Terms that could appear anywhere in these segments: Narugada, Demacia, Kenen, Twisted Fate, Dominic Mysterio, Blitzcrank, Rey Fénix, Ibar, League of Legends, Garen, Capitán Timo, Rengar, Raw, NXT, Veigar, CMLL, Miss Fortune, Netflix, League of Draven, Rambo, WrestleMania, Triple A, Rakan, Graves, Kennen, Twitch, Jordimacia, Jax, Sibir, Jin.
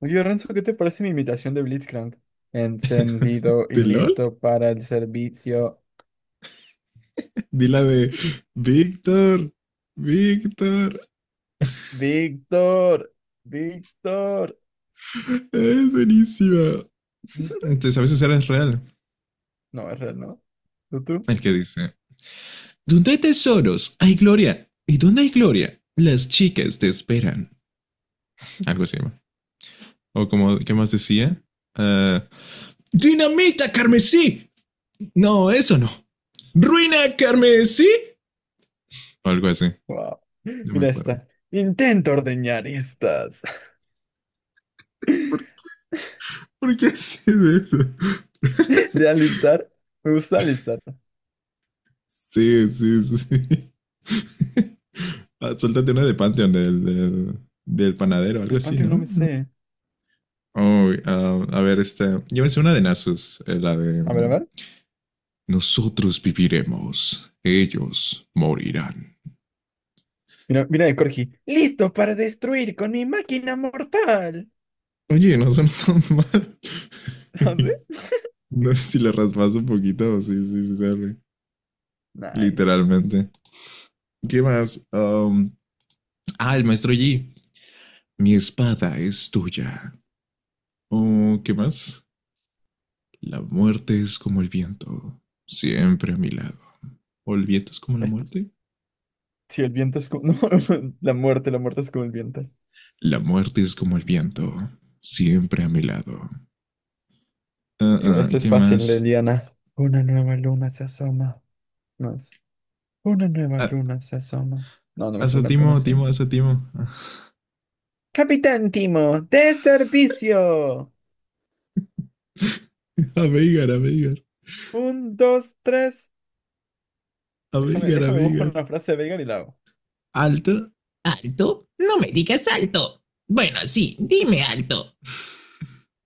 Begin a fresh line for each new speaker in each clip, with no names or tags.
Oye, Renzo, ¿qué te parece mi imitación de Blitzcrank? Encendido y
¿De LOL?
listo para el servicio.
Di la de Víctor, Víctor.
Víctor, Víctor.
Es buenísima. Entonces a veces eres real.
No, es real, ¿no? ¿Tú, tú?
El que dice, ¿dónde hay tesoros? Hay gloria. ¿Y dónde hay gloria? Las chicas te esperan. Algo así, ¿no? O como, ¿qué más decía? Eh, Dinamita carmesí. No, eso no. Ruina carmesí. O algo así.
Wow.
No me
Mira
acuerdo.
esta. Intento ordeñar estas.
¿Por, ¿Por qué hace eso?
De alistar. Me gusta alistar.
Sí, sí, sí. Ah, suéltate una de Pantheon del panadero,
De
algo así,
Pantheon no
¿no?
me sé.
Oh, ah, a ver, este. Llévense una de Nasus, la de.
A ver, a ver.
Nosotros viviremos, ellos morirán.
Mira, mira de Corgi. Listo para destruir con mi máquina mortal.
Oye, no son tan mal.
¿Ah, sí?
No sé si le raspas un poquito, sí, sí, sí, sale.
Nice.
Literalmente. ¿Qué más? Ah, el maestro Yi. Mi espada es tuya. Oh, ¿qué más? La muerte es como el viento, siempre a mi lado. ¿O el viento es como la
Esto,
muerte?
si el viento es como... No, la muerte es como el viento.
La muerte es como el viento, siempre a mi lado. Ah,
Igual
ah,
este es
¿qué
fácil de
más?
Diana. Una nueva luna se asoma. No es. Una nueva
Ah,
luna se asoma. No, no me
asa
suena tan
Timo,
así.
Timo, asa Timo.
Capitán Timo, de servicio.
A Veigar, a Veigar,
Un, dos, tres.
a
Déjame,
Veigar, a
déjame busco
Veigar.
una frase de Veigar y la hago.
¿Alto? ¿Alto? No me digas alto. Bueno, sí, dime alto.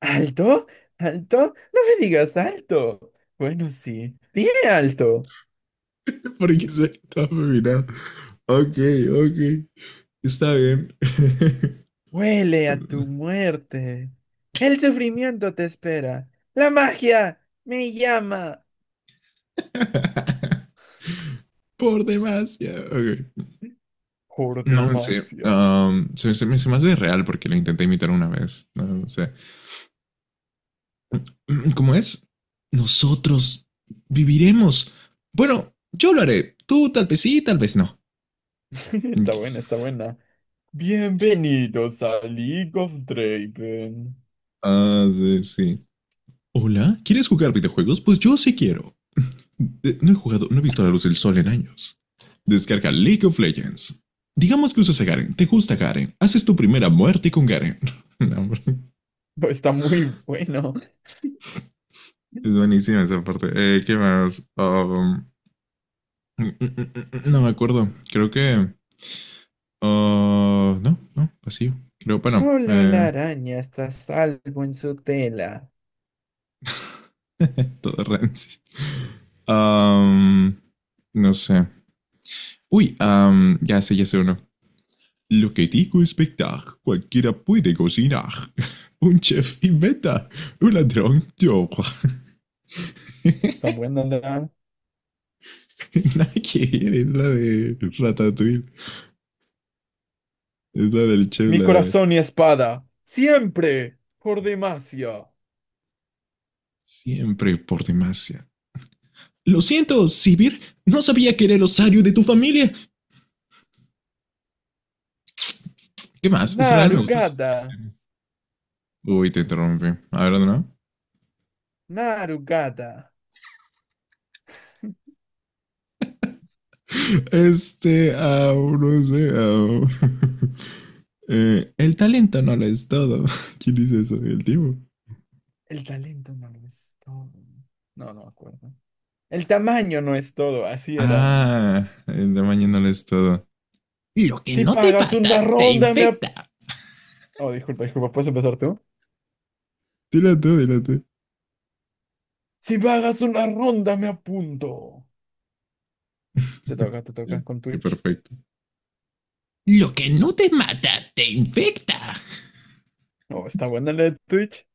¿Alto? ¿Alto? No me digas alto. Bueno, sí. Dime alto.
Porque se está mirando. Ok, ok. Está bien.
Huele a tu muerte. El sufrimiento te espera. La magia me llama.
Por demasiado. Ok. No, sé
Jordimacia.
se me hace real porque lo intenté imitar una vez. No, no sé. ¿Cómo es? Nosotros viviremos. Bueno, yo lo haré. Tú tal vez sí, tal vez no.
Está buena, está buena. Bienvenidos a League of Draven.
Ah, sí, sí. Hola, ¿quieres jugar videojuegos? Pues yo sí quiero. No he jugado, no he visto la luz del sol en años. Descarga League of Legends. Digamos que usas a Garen, te gusta Garen, haces tu primera muerte con Garen. No, hombre.
Está muy bueno.
Es buenísima esa parte. ¿Qué más? No me acuerdo. Creo que. Ah, no, no, vacío. Creo, bueno,
Solo la araña está a salvo en su tela.
todo rancio. Am, no sé. Uy, ya sé uno. Lo que digo es verdad. Cualquiera puede cocinar. Un chef inventa. Un ladrón roba.
Está buena la.
Nada que ver, es la de Ratatouille. Es la del chef,
Mi
la de...
corazón y espada. Siempre. Por Demacia.
Siempre por demasiado. Lo siento, Sibir. No sabía que era el osario de tu familia. ¿Qué más? Israel me gusta su
Narugada.
atracción. Uy, te interrumpí. A ver, ¿no?
Narugada.
Este, au, no sé, au. El talento no lo es todo. ¿Quién dice eso? El tipo.
El talento no lo es todo. No, no me acuerdo. El tamaño no es todo, así era.
Ah, el tamaño no lo es todo. Lo que
Si
no te
pagas una
mata, te
ronda, me... ap-
infecta.
Oh, disculpa, ¿puedes empezar tú?
Dile tú, dile tú.
Si pagas una ronda, me apunto. Te toca
Sí,
con
qué
Twitch.
perfecto. Lo que no te mata, te infecta.
No, está buena la de Twitch.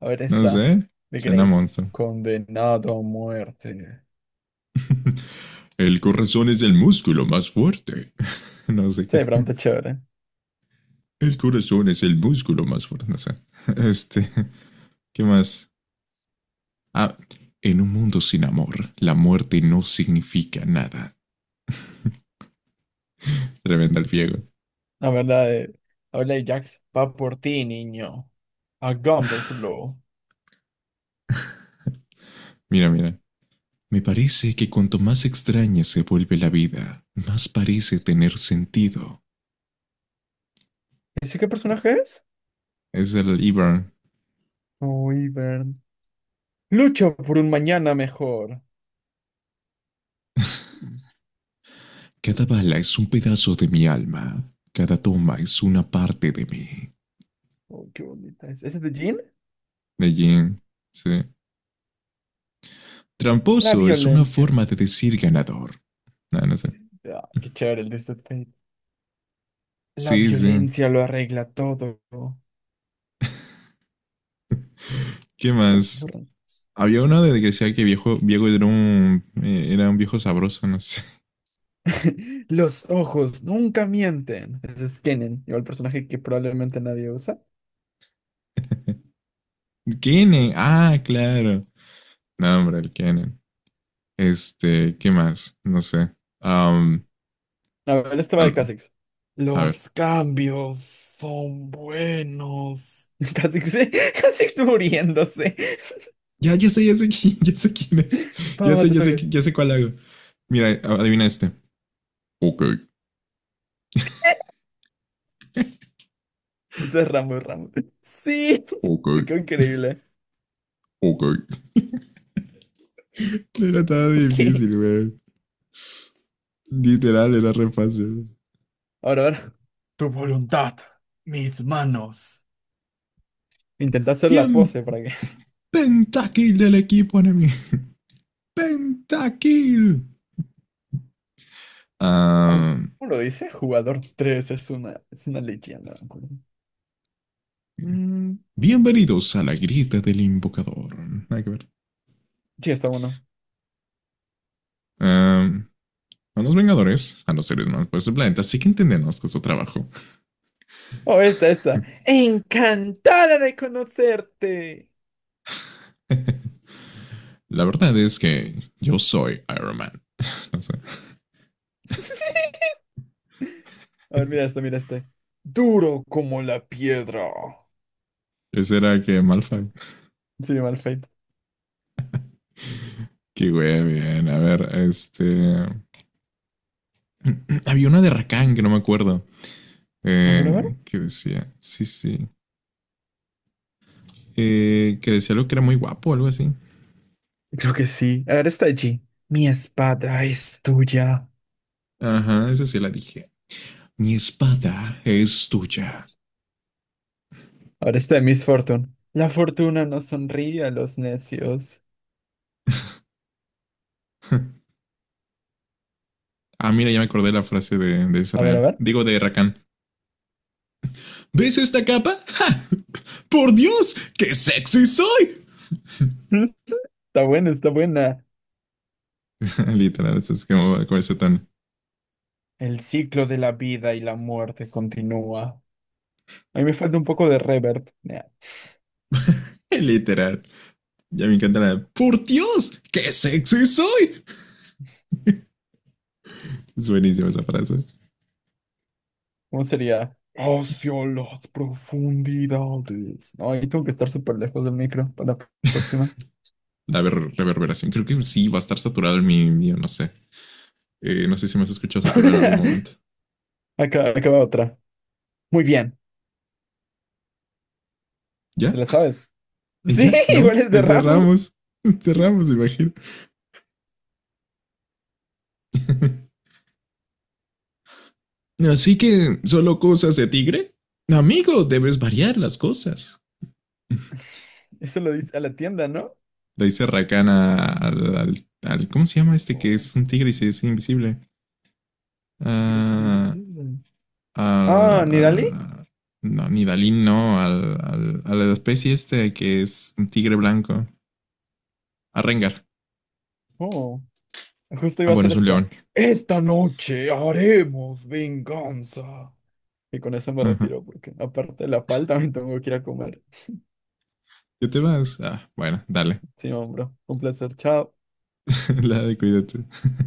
A ver,
No
está.
sé.
De
Cena
Graves.
monstruo.
Condenado a muerte.
El corazón es el músculo más fuerte. No sé
Sí,
qué.
pregunta chévere.
El corazón es el músculo más fuerte. No sé. Este, ¿qué más? Ah, en un mundo sin amor, la muerte no significa nada. Tremenda el viejo.
A ver, la de. A ver, la de Jax. Va por ti, niño. Hagámoslo.
Mira, mira. Me parece que cuanto más extraña se vuelve la vida, más parece tener sentido.
¿Ese qué personaje es?
Es el Ibar.
Uy, Bern. Lucho por un mañana mejor.
Cada bala es un pedazo de mi alma. Cada toma es una parte de mí.
Oh, qué bonita es. ¿Ese es de Jean?
De Jin. Sí.
La
Tramposo es una
violencia.
forma de decir ganador. No, no sé.
Ah, qué chévere el Twisted Fate. La
Sí, sí.
violencia lo arregla todo.
¿Qué
Perdón,
más?
perdón.
Había uno de que decía que viejo, viejo era un viejo sabroso, no sé.
Los ojos nunca mienten. Ese es Kennen, igual el personaje que probablemente nadie usa.
Kenen, ah, claro. No, hombre, el Kenen. Este, ¿qué más? No sé. Am,
A ver, este va de
al-
Kha'Zix.
a ver.
Los cambios son buenos. Kha'Zix, Kha'Zix muriéndose.
Ya sé quién es.
Papá, te toca.
Ya sé cuál hago. Mira, adivina este. Ok,
Ese es Rambo, Rambo. Sí,
ok,
te quedó increíble.
ok. No era tan
Ok,
difícil, güey. Literal, era re fácil.
ahora. Tu voluntad, mis manos. Intenta hacer la
Bien,
pose para que.
pentakill del equipo enemigo. Pentakill.
Ju-
Ah,
¿Cómo lo dice? Jugador 3 es una leyenda. ¿No? Mm,
bienvenidos a la grieta del invocador. Hay que ver.
sí, está bueno.
Am, a los Vengadores, a los seres más poderosos del planeta, sí que entendemos que es su trabajo.
Oh, esta. Encantada de conocerte.
La verdad es que yo soy Iron Man. O sea,
A ver, mira este, mira este. Duro como la piedra.
ese era que Malfoy.
Sí, mal feito.
Que güey, bien. A ver, este. Había una de Rakan que no me acuerdo.
A ver, a ver.
Que decía. Sí, sí. Que decía algo que era muy guapo, o algo así.
Creo que sí. Ahora está esta. Mi espada es tuya.
Ajá, esa sí la dije. Mi espada es tuya.
Ahora está de Miss Fortune. La fortuna no sonríe a los necios.
Ah, mira, ya me acordé la frase de
A ver, a
Israel.
ver.
Digo, de Rakan. ¿Ves esta capa? ¡Ja! ¡Por Dios! ¡Qué sexy soy!
Mm, está buena, está buena.
Literal, eso es como con ese tono.
El ciclo de la vida y la muerte continúa. A mí me falta un poco de reverb.
Literal. Ya me encanta la ¡Por Dios! ¡Qué sexy soy! Es buenísima esa frase.
¿Cómo sería? Hacia las profundidades. No, ahí tengo que estar súper lejos del micro para la próxima.
Reverberación. Creo que sí, va a estar saturado el mi mío, no sé. No sé si me has escuchado saturado en algún momento.
Acá va otra. Muy bien, ¿te
¿Ya?
la sabes?
¿Y
Sí,
ya?
igual
No.
es de Ramos.
Cerramos. Cerramos. Imagino. Así que, ¿solo cosas de tigre? Amigo, debes variar las cosas. Le
Eso lo dice a la tienda, ¿no?
dice Rakana ¿cómo se llama este que
Oh,
es un tigre y se es invisible?
tigre se hace
Ah,
invisible. Ah,
al,
¿Nidali?
al- no, ni Dalín, no. A la especie este que es un tigre blanco. A Rengar.
Oh, justo
Ah,
iba a
bueno,
ser
es un
esta.
león.
Esta noche haremos venganza. Y con eso me
Ajá. Uh-huh.
retiro porque aparte de la palta me tengo que ir a comer.
¿Qué te vas? Ah, bueno, dale.
Sí, hombre, un placer. Chao.
La de cuídate.